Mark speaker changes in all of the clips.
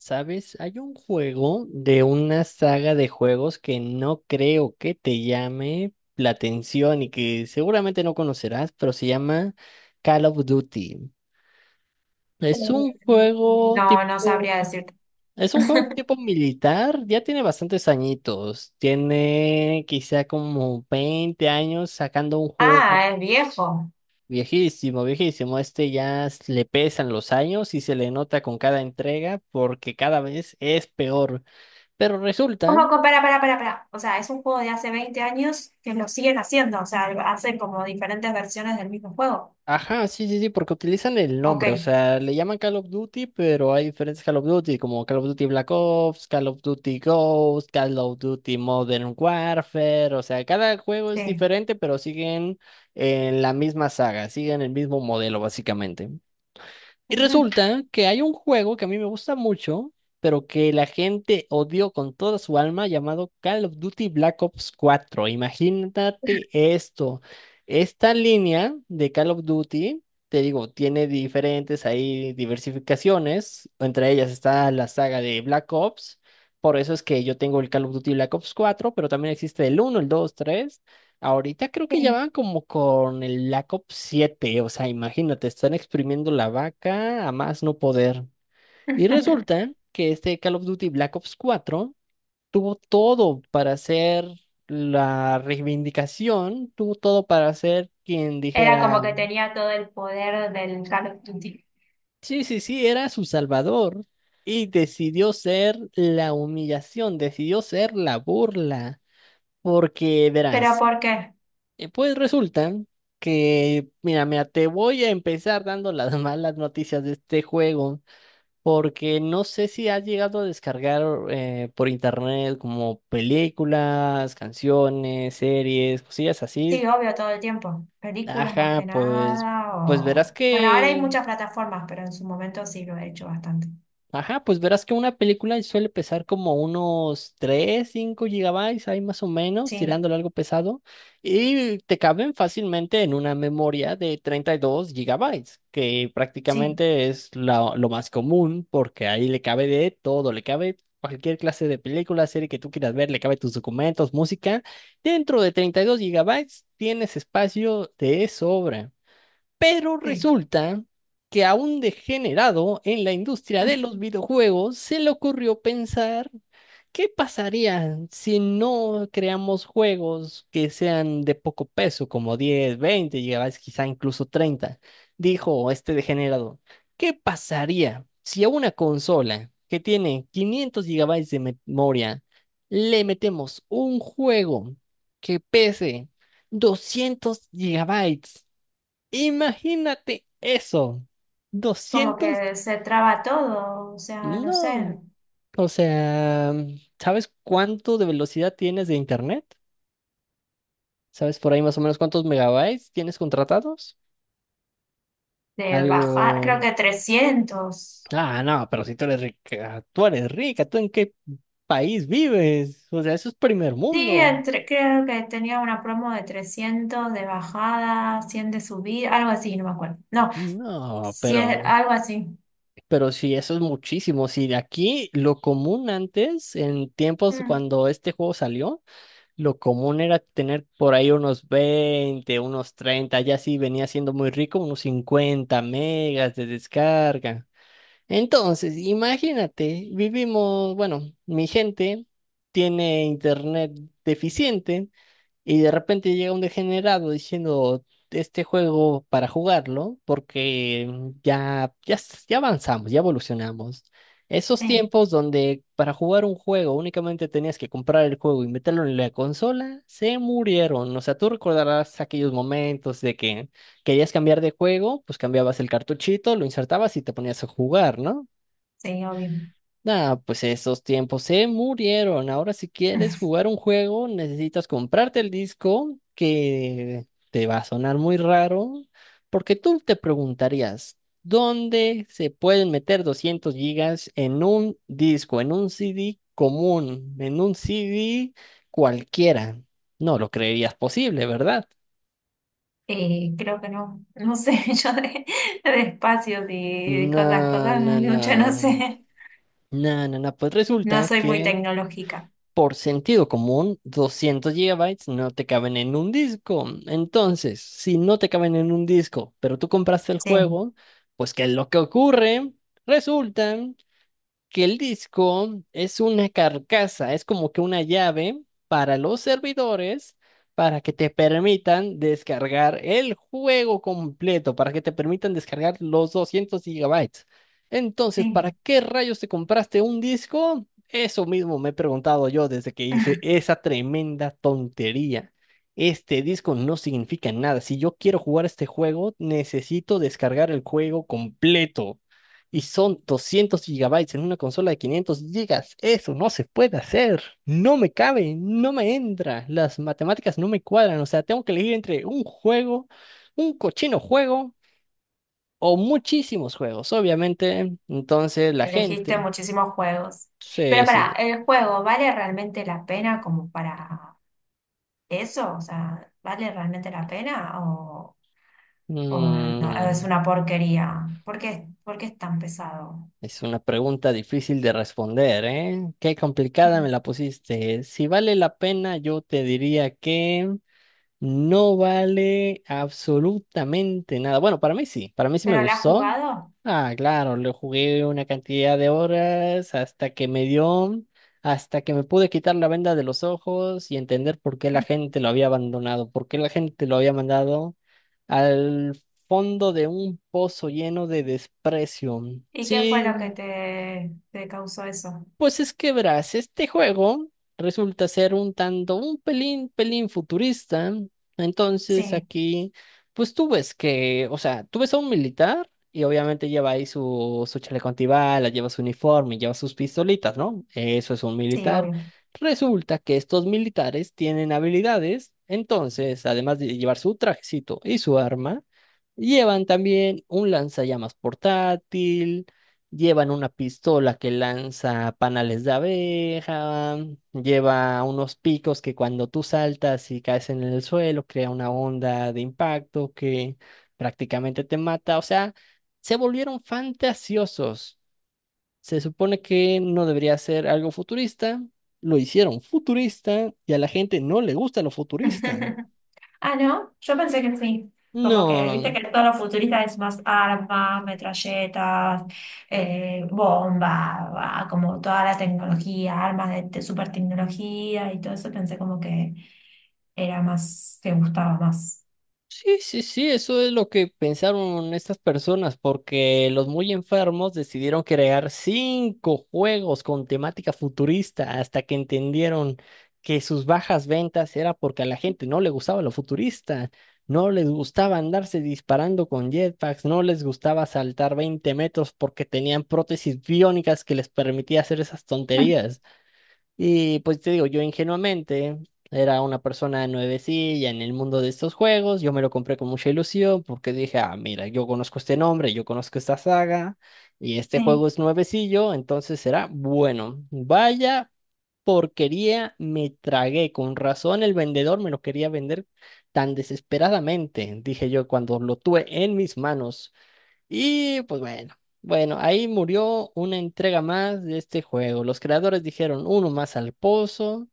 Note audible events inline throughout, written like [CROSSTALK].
Speaker 1: ¿Sabes? Hay un juego de una saga de juegos que no creo que te llame la atención y que seguramente no conocerás, pero se llama Call of Duty. Es un
Speaker 2: Eh,
Speaker 1: juego
Speaker 2: No, no
Speaker 1: tipo,
Speaker 2: sabría decirte.
Speaker 1: es un juego tipo
Speaker 2: [LAUGHS]
Speaker 1: militar, ya tiene bastantes añitos, tiene quizá como 20 años sacando
Speaker 2: Ah, es viejo.
Speaker 1: viejísimo, viejísimo. Le pesan los años y se le nota con cada entrega porque cada vez es peor. Pero resulta,
Speaker 2: ¿Cómo que para? O sea, es un juego de hace 20 años que lo siguen haciendo. O sea, hacen como diferentes versiones del mismo juego.
Speaker 1: ajá, sí, sí, sí, porque utilizan el nombre, o
Speaker 2: Ok,
Speaker 1: sea, le llaman Call of Duty, pero hay diferentes Call of Duty, como Call of Duty Black Ops, Call of Duty Ghost, Call of Duty Modern Warfare, o sea, cada juego es
Speaker 2: sí.
Speaker 1: diferente, pero siguen en la misma saga, siguen el mismo modelo, básicamente. Y
Speaker 2: Ujú.
Speaker 1: resulta que hay un juego que a mí me gusta mucho, pero que la gente odió con toda su alma, llamado Call of Duty Black Ops cuatro. Imagínate esto. Esta línea de Call of Duty, te digo, tiene diferentes ahí diversificaciones. Entre ellas está la saga de Black Ops. Por eso es que yo tengo el Call of Duty Black Ops cuatro, pero también existe el uno, el dos, tres. Ahorita creo que ya
Speaker 2: Sí.
Speaker 1: van como con el Black Ops 7, o sea, imagínate, están exprimiendo la vaca a más no poder. Y
Speaker 2: [LAUGHS]
Speaker 1: resulta que este Call of Duty Black Ops cuatro tuvo todo para hacer la reivindicación, tuvo todo para ser quien
Speaker 2: Era
Speaker 1: dijera,
Speaker 2: como que tenía todo el poder del Call of Duty.
Speaker 1: sí, sí, sí, era su salvador. Y decidió ser la humillación, decidió ser la burla. Porque
Speaker 2: ¿Pero
Speaker 1: verás.
Speaker 2: por qué?
Speaker 1: Pues resulta que, mira, mira, te voy a empezar dando las [LAUGHS] malas noticias de este juego, porque no sé si has llegado a descargar por internet como películas, canciones, series, cosillas así.
Speaker 2: Sí, obvio, todo el tiempo. Películas más
Speaker 1: Ajá,
Speaker 2: que
Speaker 1: pues,
Speaker 2: nada
Speaker 1: pues verás
Speaker 2: o bueno, ahora hay
Speaker 1: que
Speaker 2: muchas plataformas, pero en su momento sí lo he hecho bastante.
Speaker 1: Ajá, pues verás que una película suele pesar como unos 3, 5 gigabytes, ahí más o menos,
Speaker 2: Sí,
Speaker 1: tirándole algo pesado, y te caben fácilmente en una memoria de 32 gigabytes, que
Speaker 2: sí,
Speaker 1: prácticamente es lo más común, porque ahí le cabe de todo, le cabe cualquier clase de película, serie que tú quieras ver, le cabe tus documentos, música. Dentro de 32 gigabytes tienes espacio de sobra. Pero
Speaker 2: sí.
Speaker 1: resulta que a un degenerado en la industria de los videojuegos se le ocurrió pensar qué pasaría si no creamos juegos que sean de poco peso, como 10, 20 gigabytes, quizá incluso 30. Dijo este degenerado, ¿qué pasaría si a una consola que tiene 500 gigabytes de memoria le metemos un juego que pese 200 gigabytes? Imagínate eso.
Speaker 2: Como que
Speaker 1: 200,
Speaker 2: se traba todo, o sea, no sé,
Speaker 1: no. O sea, ¿sabes cuánto de velocidad tienes de internet? ¿Sabes por ahí más o menos cuántos megabytes tienes contratados?
Speaker 2: de bajar, creo
Speaker 1: Algo...
Speaker 2: que 300.
Speaker 1: Ah, no, pero si tú eres rica, tú eres rica, ¿tú en qué país vives? O sea, eso es primer
Speaker 2: Sí,
Speaker 1: mundo.
Speaker 2: creo que tenía una promo de 300 de bajada, 100 de subida, algo así, no me acuerdo. No,
Speaker 1: No,
Speaker 2: sí,
Speaker 1: pero,
Speaker 2: algo así.
Speaker 1: pero sí, eso es muchísimo. Si de aquí lo común antes, en tiempos
Speaker 2: Mm,
Speaker 1: cuando este juego salió, lo común era tener por ahí unos 20, unos 30, ya sí venía siendo muy rico, unos 50 megas de descarga. Entonces, imagínate, vivimos, bueno, mi gente tiene internet deficiente, y de repente llega un degenerado diciendo este juego para jugarlo, porque ya avanzamos, ya evolucionamos. Esos
Speaker 2: sí,
Speaker 1: tiempos donde para jugar un juego únicamente tenías que comprar el juego y meterlo en la consola, se murieron. O sea, tú recordarás aquellos momentos de que querías cambiar de juego, pues cambiabas el cartuchito, lo insertabas y te ponías a jugar, ¿no?
Speaker 2: sí, obvio.
Speaker 1: Nah, pues esos tiempos se murieron. Ahora si quieres
Speaker 2: [LAUGHS]
Speaker 1: jugar un juego, necesitas comprarte el disco que te va a sonar muy raro, porque tú te preguntarías, ¿dónde se pueden meter 200 gigas en un disco, en un CD común, en un CD cualquiera? No lo creerías posible, ¿verdad?
Speaker 2: Y creo que no, no sé, [LAUGHS] yo de espacios y cosas,
Speaker 1: No,
Speaker 2: cosas,
Speaker 1: no,
Speaker 2: mucho no
Speaker 1: no.
Speaker 2: sé,
Speaker 1: No, no, no. Pues
Speaker 2: no
Speaker 1: resulta
Speaker 2: soy muy
Speaker 1: que
Speaker 2: tecnológica.
Speaker 1: por sentido común, 200 gigabytes no te caben en un disco. Entonces, si no te caben en un disco, pero tú compraste el
Speaker 2: Sí,
Speaker 1: juego, pues ¿qué es lo que ocurre? Resulta que el disco es una carcasa, es como que una llave para los servidores, para que te permitan descargar el juego completo, para que te permitan descargar los 200 gigabytes. Entonces, ¿para
Speaker 2: sí.
Speaker 1: qué rayos te compraste un disco? Eso mismo me he preguntado yo desde que hice esa tremenda tontería. Este disco no significa nada. Si yo quiero jugar este juego, necesito descargar el juego completo. Y son 200 gigabytes en una consola de 500 gigas. Eso no se puede hacer. No me cabe, no me entra. Las matemáticas no me cuadran. O sea, tengo que elegir entre un juego, un cochino juego o muchísimos juegos, obviamente. Entonces, la
Speaker 2: Elegiste
Speaker 1: gente
Speaker 2: muchísimos juegos. Pero
Speaker 1: se...
Speaker 2: para,
Speaker 1: se-
Speaker 2: ¿el juego vale realmente la pena como para eso? O sea, ¿vale realmente la pena o no, es
Speaker 1: mm,
Speaker 2: una porquería? Por qué es tan pesado?
Speaker 1: es una pregunta difícil de responder, ¿eh? Qué complicada me
Speaker 2: Ujú.
Speaker 1: la pusiste. Si vale la pena, yo te diría que... No vale absolutamente nada. Bueno, para mí sí me
Speaker 2: ¿Pero lo has
Speaker 1: gustó.
Speaker 2: jugado?
Speaker 1: Ah, claro, lo jugué una cantidad de horas hasta que me dio, hasta que me pude quitar la venda de los ojos y entender por qué la gente lo había abandonado, por qué la gente lo había mandado al fondo de un pozo lleno de desprecio.
Speaker 2: ¿Y qué fue lo que
Speaker 1: Sí,
Speaker 2: te causó eso?
Speaker 1: pues es que verás, este juego resulta ser un tanto, un pelín, pelín futurista. Entonces
Speaker 2: Sí,
Speaker 1: aquí, pues tú ves que, o sea, tú ves a un militar y obviamente lleva ahí su chaleco antibalas, lleva su uniforme, lleva sus pistolitas, ¿no? Eso es un
Speaker 2: sí,
Speaker 1: militar.
Speaker 2: obvio.
Speaker 1: Resulta que estos militares tienen habilidades, entonces, además de llevar su trajecito y su arma, llevan también un lanzallamas portátil. Llevan una pistola que lanza panales de abeja, lleva unos picos que cuando tú saltas y caes en el suelo crea una onda de impacto que prácticamente te mata. O sea, se volvieron fantasiosos. Se supone que no debería ser algo futurista, lo hicieron futurista y a la gente no le gusta lo futurista.
Speaker 2: [LAUGHS] Ah, ¿no? Yo pensé que sí. Como que, viste
Speaker 1: No.
Speaker 2: que todo lo futurista es más armas, metralletas, bomba, va, como toda la tecnología, armas de super tecnología y todo eso. Pensé como que era más, que gustaba más.
Speaker 1: Sí, sí, sí, eso es lo que pensaron estas personas, porque los muy enfermos decidieron crear cinco juegos con temática futurista hasta que entendieron que sus bajas ventas era porque a la gente no le gustaba lo futurista, no les gustaba andarse disparando con jetpacks, no les gustaba saltar 20 metros porque tenían prótesis biónicas que les permitía hacer esas
Speaker 2: [LAUGHS]
Speaker 1: tonterías. Y pues te digo, yo ingenuamente era una persona nuevecilla en el mundo de estos juegos, yo me lo compré con mucha ilusión porque dije, ah, mira, yo conozco este nombre, yo conozco esta saga y este juego
Speaker 2: Sí.
Speaker 1: es nuevecillo, entonces será bueno. Vaya porquería, me tragué, con razón el vendedor me lo quería vender tan desesperadamente, dije yo cuando lo tuve en mis manos. Y pues bueno, bueno, ahí murió una entrega más de este juego. Los creadores dijeron uno más al pozo.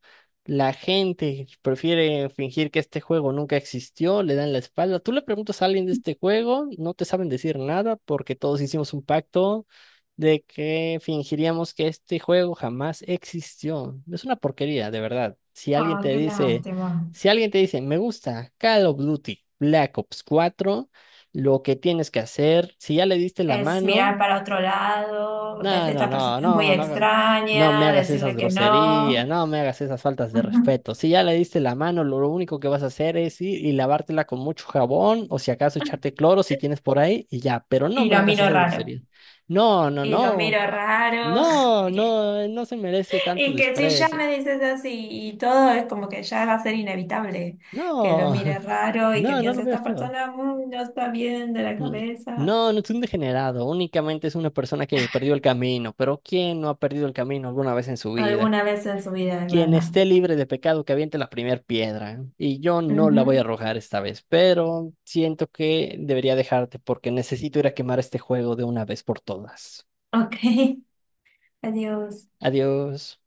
Speaker 1: La gente prefiere fingir que este juego nunca existió, le dan la espalda. Tú le preguntas a alguien de este juego, no te saben decir nada porque todos hicimos un pacto de que fingiríamos que este juego jamás existió. Es una porquería, de verdad. Si alguien
Speaker 2: Ah,
Speaker 1: te
Speaker 2: qué
Speaker 1: dice,
Speaker 2: lástima.
Speaker 1: si alguien te dice, me gusta Call of Duty Black Ops cuatro, lo que tienes que hacer, si ya le diste la
Speaker 2: Es mirar
Speaker 1: mano,
Speaker 2: para otro lado, ves,
Speaker 1: no, no,
Speaker 2: esta persona
Speaker 1: no,
Speaker 2: es muy
Speaker 1: no, no, no me
Speaker 2: extraña,
Speaker 1: hagas esas
Speaker 2: decirle que
Speaker 1: groserías,
Speaker 2: no.
Speaker 1: no me hagas esas faltas de
Speaker 2: [LAUGHS]
Speaker 1: respeto. Si ya le diste la mano, lo único que vas a hacer es ir y lavártela con mucho jabón o si acaso echarte cloro si tienes por ahí y ya, pero no
Speaker 2: Y
Speaker 1: me
Speaker 2: lo
Speaker 1: hagas
Speaker 2: miro
Speaker 1: esas
Speaker 2: raro.
Speaker 1: groserías. No, no,
Speaker 2: Y lo
Speaker 1: no,
Speaker 2: miro raro. [LAUGHS]
Speaker 1: no, no, no se merece tanto
Speaker 2: Y que si ya
Speaker 1: desprecio.
Speaker 2: me dices así y todo, es como que ya va a ser inevitable que lo
Speaker 1: No,
Speaker 2: mire
Speaker 1: [LAUGHS]
Speaker 2: raro y que
Speaker 1: no, no lo
Speaker 2: piense,
Speaker 1: veas
Speaker 2: esta
Speaker 1: feo.
Speaker 2: persona no está bien de la
Speaker 1: Mm.
Speaker 2: cabeza.
Speaker 1: No, no es un degenerado, únicamente es una persona que perdió el camino, pero ¿quién no ha perdido el camino alguna vez en su vida?
Speaker 2: Alguna vez en su vida, es
Speaker 1: Quien
Speaker 2: verdad.
Speaker 1: esté libre de pecado, que aviente la primera piedra. Y yo no la voy a
Speaker 2: Ujú.
Speaker 1: arrojar esta vez, pero siento que debería dejarte porque necesito ir a quemar este juego de una vez por todas.
Speaker 2: Ok, [LAUGHS] adiós.
Speaker 1: Adiós.